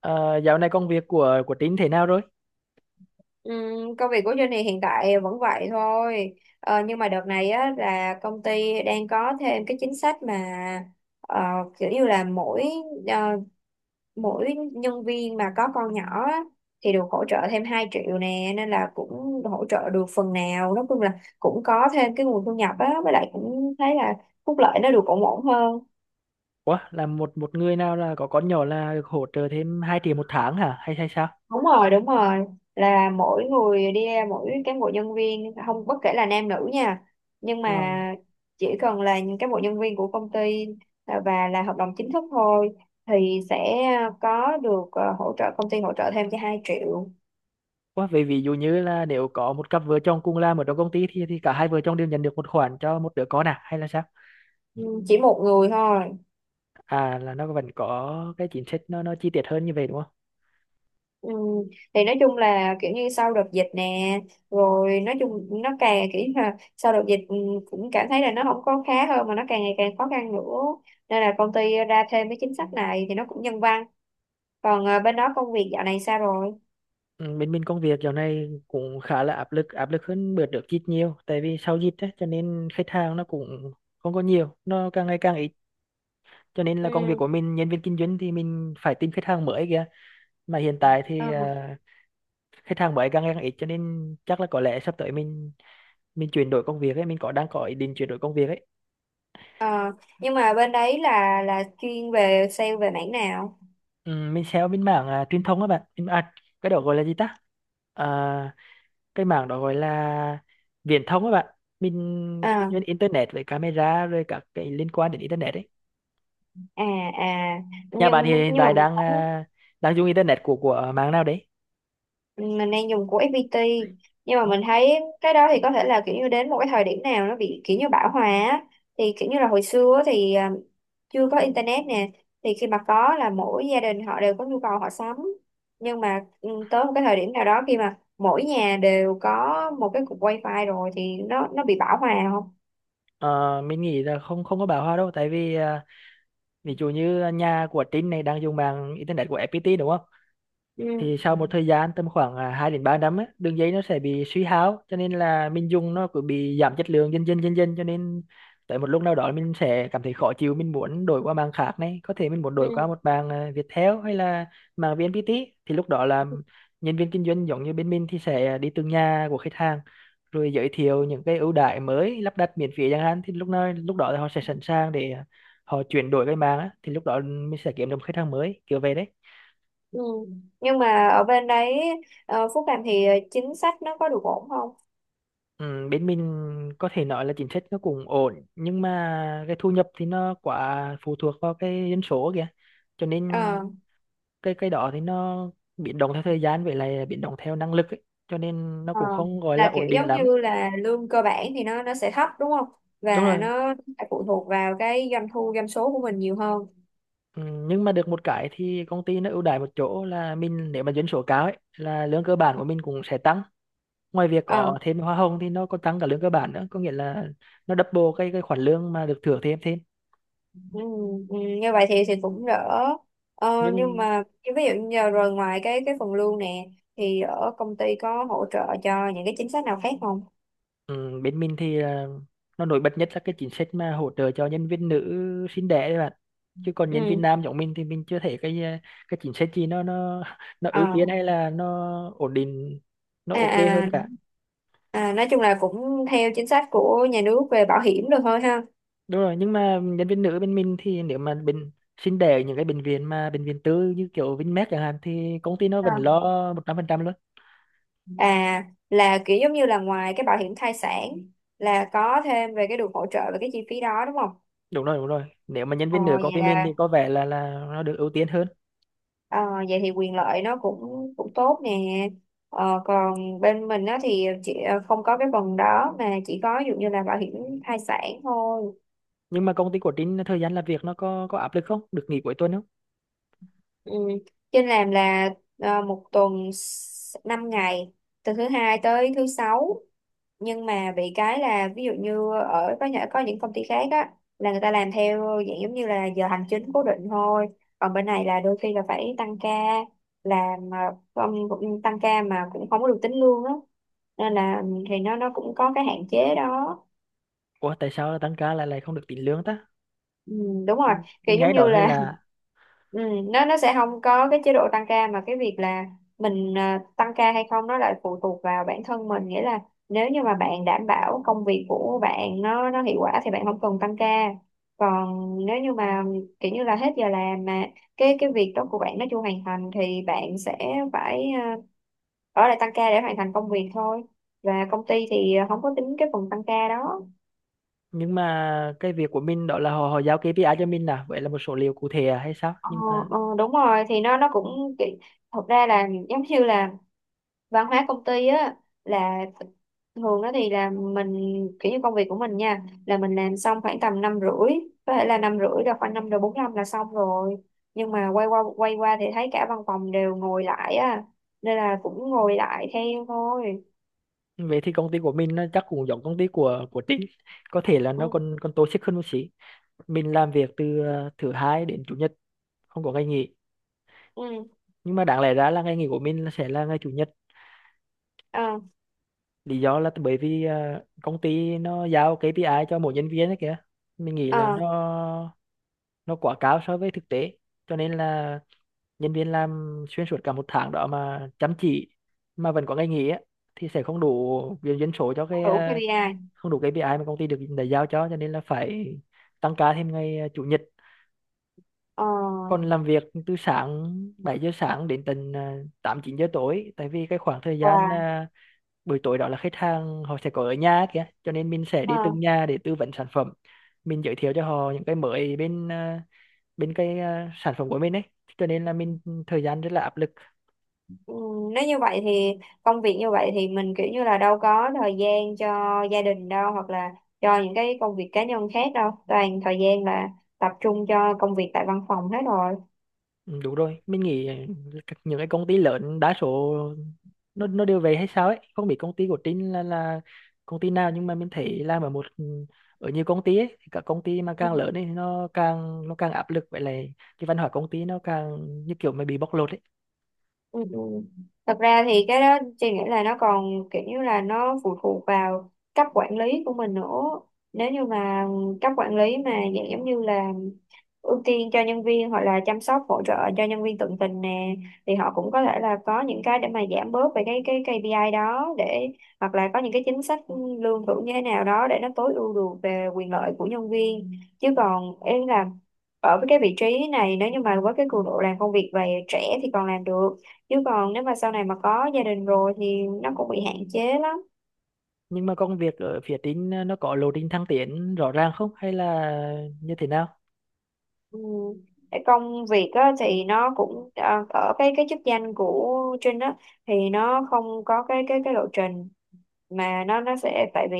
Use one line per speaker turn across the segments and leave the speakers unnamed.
Ờ, Dạo này công việc của Tín thế nào rồi?
Công việc của Jenny hiện tại vẫn vậy thôi, nhưng mà đợt này á, là công ty đang có thêm cái chính sách mà ờ, kiểu như là mỗi ờ, mỗi nhân viên mà có con nhỏ á, thì được hỗ trợ thêm 2 triệu nè, nên là cũng hỗ trợ được phần nào. Nói chung là cũng có thêm cái nguồn thu nhập á, với lại cũng thấy là phúc lợi nó được ổn ổn hơn.
Ủa, là một một người nào là có con nhỏ là được hỗ trợ thêm 2 triệu một tháng hả? Hay hay sao?
Đúng rồi, đúng rồi, là mỗi người đi ra mỗi cán bộ nhân viên không, bất kể là nam nữ nha, nhưng
Ờ.
mà chỉ cần là những cán bộ nhân viên của công ty à, và là hợp đồng chính thức thôi, thì sẽ có được à, hỗ trợ, công ty hỗ trợ thêm cho 2 triệu.
Ủa, vậy ví dụ như là nếu có một cặp vợ chồng cùng làm ở trong công ty thì cả hai vợ chồng đều nhận được một khoản cho một đứa con à? Hay là sao?
Ừ, chỉ một người thôi.
À, là nó vẫn có cái chính sách nó chi tiết hơn như vậy đúng không?
Ừ. Thì nói chung là kiểu như sau đợt dịch nè, rồi nói chung nó càng kiểu như là sau đợt dịch cũng cảm thấy là nó không có khá hơn mà nó càng ngày càng khó khăn nữa, nên là công ty ra thêm cái chính sách này thì nó cũng nhân văn. Còn bên đó công việc dạo này sao rồi?
Ừ, bên bên công việc dạo này cũng khá là áp lực hơn bữa trước ít nhiều, tại vì sau dịch á cho nên khách hàng nó cũng không có nhiều, nó càng ngày càng ít, cho nên là công việc
Ừ.
của mình, nhân viên kinh doanh thì mình phải tìm khách hàng mới kìa. Mà hiện tại thì
Ừ.
khách hàng mới càng ngày càng ít, cho nên chắc là có lẽ sắp tới mình chuyển đổi công việc ấy, mình có đang có ý định chuyển đổi công việc ấy.
Ờ. Nhưng mà bên đấy là chuyên về sale về mảng nào?
Ừ, mình sẽ bên mảng truyền thông á bạn. Cái đó gọi là gì ta? à, cái mảng đó gọi là viễn thông á bạn, mình kinh
À,
doanh internet với camera rồi các cái liên quan đến internet ấy.
à, à,
Nhà bạn thì
nhưng
hiện
nhưng mà
tại đang đang dùng internet của mạng nào đấy?
mình đang dùng của FPT, nhưng mà
Ủa?
mình thấy cái đó thì có thể là kiểu như đến một cái thời điểm nào nó bị kiểu như bão hòa á. Thì kiểu như là hồi xưa á thì chưa có internet nè, thì khi mà có là mỗi gia đình họ đều có nhu cầu họ sắm, nhưng mà tới một cái thời điểm nào đó khi mà mỗi nhà đều có một cái cục wifi rồi thì nó bị bão hòa không.
Ờ, mình nghĩ là không không có bão hòa đâu, tại vì ví dụ như nhà của Trinh này đang dùng mạng internet của FPT đúng không,
Ừ,
thì sau một thời gian tầm khoảng 2 đến 3 năm á, đường dây nó sẽ bị suy hao cho nên là mình dùng nó cứ bị giảm chất lượng dần dần dần dần, cho nên tới một lúc nào đó mình sẽ cảm thấy khó chịu, mình muốn đổi qua mạng khác này, có thể mình muốn đổi
ừ,
qua một mạng Viettel hay là mạng VNPT. Thì lúc đó là nhân viên kinh doanh giống như bên mình thì sẽ đi từng nhà của khách hàng, rồi giới thiệu những cái ưu đãi mới, lắp đặt miễn phí chẳng hạn, thì lúc nào lúc đó là họ sẽ sẵn sàng để họ chuyển đổi cái mạng á, thì lúc đó mình sẽ kiếm được một khách hàng mới kiểu về đấy.
ừ. Nhưng mà ở bên đấy Phúc Làm thì chính sách nó có được ổn không?
Ừ, bên mình có thể nói là chính sách nó cũng ổn, nhưng mà cái thu nhập thì nó quá phụ thuộc vào cái dân số kìa, cho nên
Ờ.
cái đó thì nó biến động theo thời gian, vậy là biến động theo năng lực ấy. Cho nên nó
Ờ,
cũng không gọi là
là kiểu
ổn định
giống
lắm.
như là lương cơ bản thì nó sẽ thấp đúng không?
Đúng
Và
rồi.
nó phải phụ thuộc vào cái doanh thu doanh số của mình nhiều hơn.
Ừ, nhưng mà được một cái thì công ty nó ưu đãi một chỗ là mình, nếu mà dân số cao ấy là lương cơ bản của mình cũng sẽ tăng, ngoài việc
Ờ,
có thêm hoa hồng thì nó còn tăng cả lương cơ bản nữa, có nghĩa là nó double cái khoản lương mà được thưởng thêm thêm
ừ, ừ, như vậy thì cũng đỡ. Ờ, nhưng
Nhưng...
mà ví dụ như giờ rồi, ngoài cái phần lương nè, thì ở công ty có hỗ trợ cho những cái chính sách nào khác không?
Ừ, bên mình thì nó nổi bật nhất là cái chính sách mà hỗ trợ cho nhân viên nữ sinh đẻ đấy bạn, chứ còn nhân viên
Ừ.
nam giống mình thì mình chưa thấy cái cái chính sách gì nó nó ưu
Ờ.
tiên hay là nó ổn định, nó
À,
ok hơn
à,
cả.
à nói chung là cũng theo chính sách của nhà nước về bảo hiểm được thôi ha.
Đúng rồi, nhưng mà nhân viên nữ bên mình thì nếu mà bệnh sinh đẻ ở những cái bệnh viện, mà bệnh viện tư như kiểu Vinmec chẳng hạn, thì công ty nó vẫn lo 100% luôn.
À, là kiểu giống như là ngoài cái bảo hiểm thai sản là có thêm về cái được hỗ trợ về cái chi phí đó đúng không?
Đúng rồi, đúng rồi, nếu mà nhân
Ờ,
viên nữ công
vậy
ty mình
là
thì có vẻ là nó được ưu tiên hơn.
ờ, vậy thì quyền lợi nó cũng cũng tốt nè. Ờ, còn bên mình á thì chị không có cái phần đó, mà chỉ có ví dụ như là bảo hiểm thai sản thôi.
Nhưng mà công ty của Trinh thời gian làm việc nó có áp lực không, được nghỉ cuối tuần không?
Ừ. Trên làm là một tuần 5 ngày, từ thứ hai tới thứ sáu, nhưng mà bị cái là ví dụ như ở có những công ty khác á là người ta làm theo dạng giống như là giờ hành chính cố định thôi, còn bên này là đôi khi là phải tăng ca, làm mà không, cũng tăng ca mà cũng không có được tính lương á, nên là thì nó cũng có cái hạn chế đó.
Ủa, tại sao tăng ca lại lại không được tính lương ta?
Ừ, đúng rồi,
Mình
kiểu giống
nghe đó
như
hơi
là
là...
ừ, nó sẽ không có cái chế độ tăng ca, mà cái việc là mình tăng ca hay không nó lại phụ thuộc vào bản thân mình, nghĩa là nếu như mà bạn đảm bảo công việc của bạn nó hiệu quả thì bạn không cần tăng ca. Còn nếu như mà kiểu như là hết giờ làm mà cái việc đó của bạn nó chưa hoàn thành thì bạn sẽ phải ở lại tăng ca để hoàn thành công việc thôi, và công ty thì không có tính cái phần tăng ca đó.
Nhưng mà cái việc của mình đó là họ họ giao KPI cho mình vậy là một số liệu cụ thể à hay sao?
Ờ,
Nhưng mà
ờ, đúng rồi thì nó cũng thật ra là giống như là văn hóa công ty á, là thường đó thì là mình kiểu như công việc của mình nha, là mình làm xong khoảng tầm năm rưỡi, có thể là năm rưỡi là khoảng năm rồi, bốn năm là xong rồi, nhưng mà quay qua thì thấy cả văn phòng đều ngồi lại á, nên là cũng ngồi lại theo thôi.
về thì công ty của mình nó chắc cũng giống công ty của Trinh, có thể là nó
Ừ.
còn còn toxic hơn một xí. Mình làm việc từ thứ hai đến chủ nhật, không có ngày nghỉ.
Ừ.
Nhưng mà đáng lẽ ra là ngày nghỉ của mình là sẽ là ngày chủ nhật.
Ờ.
Lý do là bởi vì công ty nó giao KPI cho mỗi nhân viên đấy kìa. Mình nghĩ là
Ờ,
nó quá cao so với thực tế, cho nên là nhân viên làm xuyên suốt cả một tháng đó mà chăm chỉ mà vẫn có ngày nghỉ á, thì sẽ không đủ viên dân số cho
không
cái
đủ KPI.
không đủ cái KPI mà công ty được đã giao cho nên là phải tăng ca thêm ngày chủ nhật,
Ờ.
còn làm việc từ sáng 7 giờ sáng đến tận 8 9 giờ tối, tại vì cái khoảng thời gian
Và
buổi tối đó là khách hàng họ sẽ có ở nhà ấy kìa, cho nên mình sẽ đi
ờ.
từng nhà để tư vấn sản phẩm, mình giới thiệu cho họ những cái mới bên bên cái sản phẩm của mình ấy, cho nên là mình thời gian rất là áp lực.
Ừ, nếu như vậy thì công việc như vậy thì mình kiểu như là đâu có thời gian cho gia đình đâu, hoặc là cho những cái công việc cá nhân khác đâu, toàn thời gian là tập trung cho công việc tại văn phòng hết rồi.
Ừ, đúng rồi, mình nghĩ những cái công ty lớn đa số nó đều vậy hay sao ấy, không biết công ty của Trinh là công ty nào, nhưng mà mình thấy làm ở một ở nhiều công ty ấy thì các công ty mà
Ừ.
càng lớn ấy nó càng áp lực, vậy là cái văn hóa công ty nó càng như kiểu mà bị bóc lột ấy.
Ừ. Ừ. Thật ra thì cái đó chị nghĩ là nó còn kiểu như là nó phụ thuộc vào cấp quản lý của mình nữa. Nếu như mà cấp quản lý mà dạng giống như là ưu tiên cho nhân viên hoặc là chăm sóc hỗ trợ cho nhân viên tận tình nè, thì họ cũng có thể là có những cái để mà giảm bớt về cái KPI đó, để hoặc là có những cái chính sách lương thưởng như thế nào đó để nó tối ưu được về quyền lợi của nhân viên. Chứ còn em là ở với cái vị trí này, nếu như mà với cái cường độ làm công việc về trẻ thì còn làm được, chứ còn nếu mà sau này mà có gia đình rồi thì nó cũng bị hạn chế lắm.
Nhưng mà công việc ở phía Trinh nó có lộ trình thăng tiến rõ ràng không, hay là như thế nào?
Ừ. Cái công việc á, thì nó cũng à, ở cái chức danh của Trinh á thì nó không có cái lộ trình, mà nó sẽ, tại vì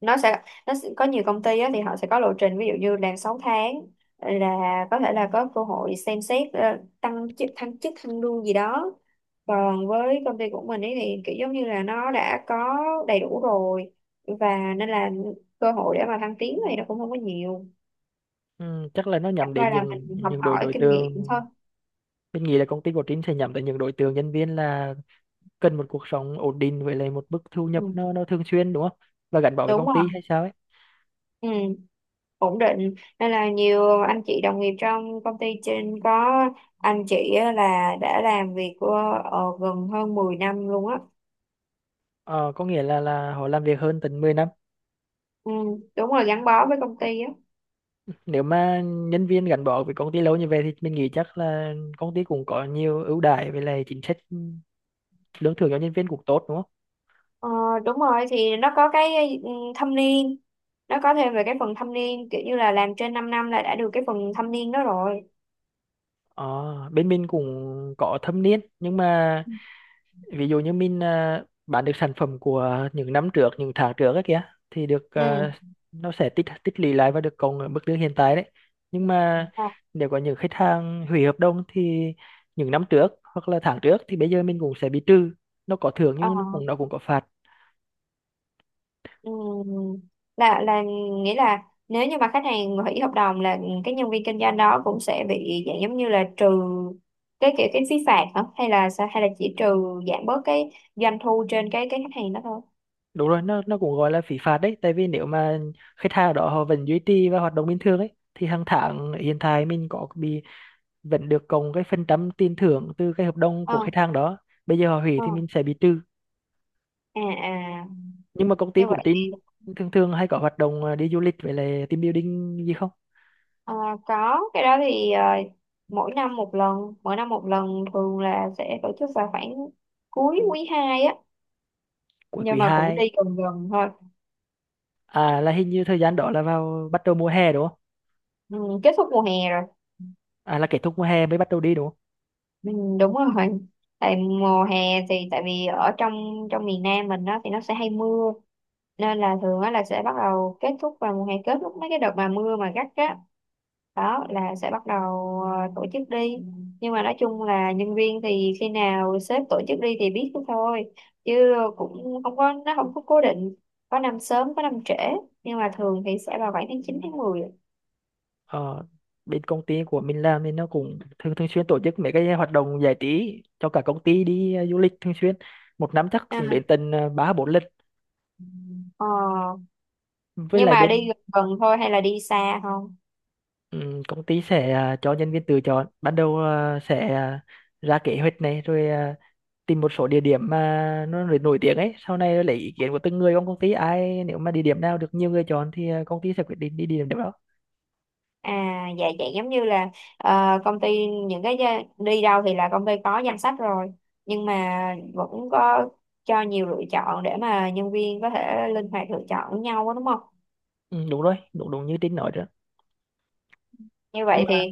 nó sẽ, có nhiều công ty á, thì họ sẽ có lộ trình ví dụ như làm 6 tháng là có thể là có cơ hội xem xét tăng chức, thăng chức thăng lương gì đó. Còn với công ty của mình ấy thì kiểu giống như là nó đã có đầy đủ rồi, và nên là cơ hội để mà thăng tiến thì nó cũng không có nhiều,
Ừ, Chắc là nó
chẳng
nhắm đến
qua là
những
mình học
những đối
hỏi
đối
kinh nghiệm
tượng
thôi.
Mình nghĩ là công ty của Trinh sẽ nhắm tới những đối tượng nhân viên là cần một cuộc sống ổn định với lại một mức thu nhập
Ừ,
nó thường xuyên đúng không, và gắn bó với
đúng
công
rồi.
ty hay sao ấy.
Ừ. Ổn định nên là nhiều anh chị đồng nghiệp trong công ty trên có anh chị á là đã làm việc của gần hơn 10 năm luôn á.
Ờ, có nghĩa là họ làm việc hơn tận 10 năm.
Ừ, đúng rồi, gắn bó với công ty á.
Nếu mà nhân viên gắn bó với công ty lâu như vậy thì mình nghĩ chắc là công ty cũng có nhiều ưu đãi với lại chính sách lương thưởng cho nhân viên cũng tốt đúng không?
Ờ, đúng rồi, thì nó có cái thâm niên, nó có thêm về cái phần thâm niên, kiểu như là làm trên 5 năm là đã được cái phần thâm niên đó rồi.
Ờ, Bên mình cũng có thâm niên, nhưng mà ví dụ như mình bán được sản phẩm của những năm trước, những tháng trước ấy kìa, thì được
Ừ.
nó sẽ tích tích lũy lại và được cộng ở mức lương hiện tại đấy. Nhưng mà
Ờ.
nếu có những khách hàng hủy hợp đồng thì những năm trước hoặc là tháng trước thì bây giờ mình cũng sẽ bị trừ, nó có thưởng
Ờ.
nhưng nó cũng có phạt.
Ừ. Là nghĩa là nếu như mà khách hàng hủy hợp đồng là cái nhân viên kinh doanh đó cũng sẽ bị dạng giống như là trừ cái kiểu cái phí phạt hả, hay là sao, hay là chỉ trừ giảm bớt cái doanh thu trên cái khách hàng đó thôi.
Đúng rồi, nó cũng gọi là phí phạt đấy, tại vì nếu mà khách hàng đó họ vẫn duy trì và hoạt động bình thường ấy thì hàng tháng hiện tại mình có bị... vẫn được cộng cái phần trăm tiền thưởng từ cái hợp đồng
Ờ.
của khách hàng đó, bây giờ họ hủy
Ờ.
thì mình sẽ bị trừ.
À, à,
Nhưng mà công ty
như
của
vậy thì
Trinh thường thường hay có hoạt động đi du lịch với lại team building gì không?
ờ, có cái đó thì mỗi năm một lần, mỗi năm một lần, thường là sẽ tổ chức vào khoảng cuối quý 2 á,
Cuối
nhưng
quý
mà cũng
hai?
đi gần gần thôi.
À, là hình như thời gian đó là vào bắt đầu mùa hè đúng không?
Ừ, kết thúc mùa hè rồi.
À, là kết thúc mùa hè mới bắt đầu đi đúng không?
Ừ, đúng rồi, tại mùa hè thì tại vì ở trong trong miền Nam mình đó thì nó sẽ hay mưa, nên là thường á là sẽ bắt đầu kết thúc vào mùa hè, kết thúc mấy cái đợt mà mưa mà gắt á, đó là sẽ bắt đầu tổ chức đi. Nhưng mà nói chung là nhân viên thì khi nào sếp tổ chức đi thì biết thôi, chứ cũng không có, nó không có cố định, có năm sớm có năm trễ, nhưng mà thường thì sẽ vào khoảng tháng 9 tháng 10.
ờ, Bên công ty của mình làm thì nó cũng thường thường xuyên tổ chức mấy cái hoạt động giải trí cho cả công ty đi du lịch thường xuyên, một năm chắc cũng đến
À.
tận ba bốn lần.
Ờ,
Với
nhưng
lại
mà đi
bên...
gần gần thôi hay là đi xa không?
ừ, công ty sẽ cho nhân viên tự chọn, ban đầu sẽ ra kế hoạch này, rồi tìm một số địa điểm mà nó nổi nổi tiếng ấy, sau này lấy ý kiến của từng người trong công ty, ai nếu mà địa điểm nào được nhiều người chọn thì công ty sẽ quyết định đi địa điểm đó.
À, dạ vậy giống như là công ty những cái đi đâu thì là công ty có danh sách rồi, nhưng mà vẫn có cho nhiều lựa chọn để mà nhân viên có thể linh hoạt lựa chọn với nhau á, đúng không?
Ừ, Đúng rồi, đúng đúng như Trinh nói đó.
Như
Nhưng
vậy
mà
thì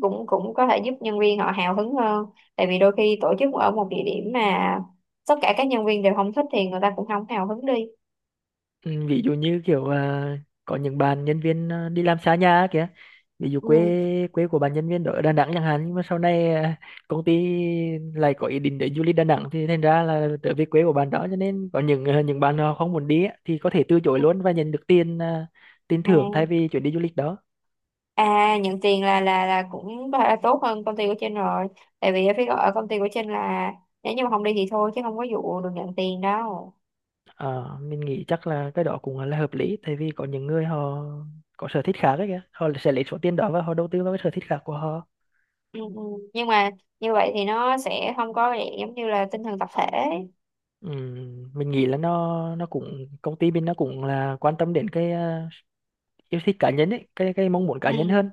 cũng cũng có thể giúp nhân viên họ hào hứng hơn, tại vì đôi khi tổ chức ở một địa điểm mà tất cả các nhân viên đều không thích thì người ta cũng không hào hứng đi.
ừ, ví dụ như kiểu có những bạn nhân viên đi làm xa nhà kìa, ví dụ
Ừ.
quê quê của bạn nhân viên đó ở Đà Nẵng chẳng hạn, nhưng mà sau này công ty lại có ý định để du lịch Đà Nẵng thì thành ra là trở về quê của bạn đó, cho nên có những bạn họ không muốn đi á, thì có thể từ chối luôn và nhận được tiền
À,
thưởng thay vì chuyến đi du lịch đó.
à nhận tiền là cũng tốt hơn công ty của Trinh rồi. Tại vì ở phía ở công ty của Trinh là, nếu như mà không đi thì thôi, chứ không có vụ được nhận tiền đâu.
Ờ, mình nghĩ chắc là cái đó cũng là hợp lý, tại vì có những người họ có sở thích khác ấy kìa, họ sẽ lấy số tiền đó và họ đầu tư vào cái sở thích khác của họ.
Ừ, ừ. Nhưng mà như vậy thì nó sẽ không có dạng giống như là tinh thần tập thể.
Mình nghĩ là nó cũng, công ty bên nó cũng là quan tâm đến cái yêu thích cá nhân ấy, cái mong muốn cá nhân hơn,
Ừ,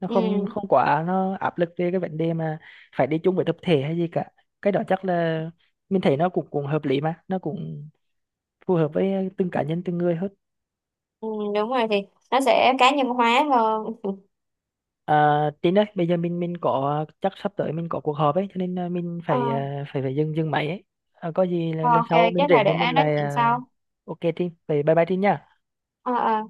nó không
ừ,
không quá nó áp lực về cái vấn đề mà phải đi chung với tập thể hay gì cả. Cái đó chắc là mình thấy nó cũng cũng hợp lý mà nó cũng phù hợp với từng cá nhân từng người hơn.
ừ, đúng rồi thì nó sẽ cá nhân hóa hơn.
À, Tin ơi, bây giờ mình có chắc sắp tới mình có cuộc họp ấy, cho nên mình
Ờ,
phải phải phải dừng dừng máy ấy. À, có gì là lần
ok,
sau mình
chắc là
rảnh thì
để
mình
nói
lại
chuyện sau.
ok Tin, vậy bye bye Tin nha.
Ờ, ờ.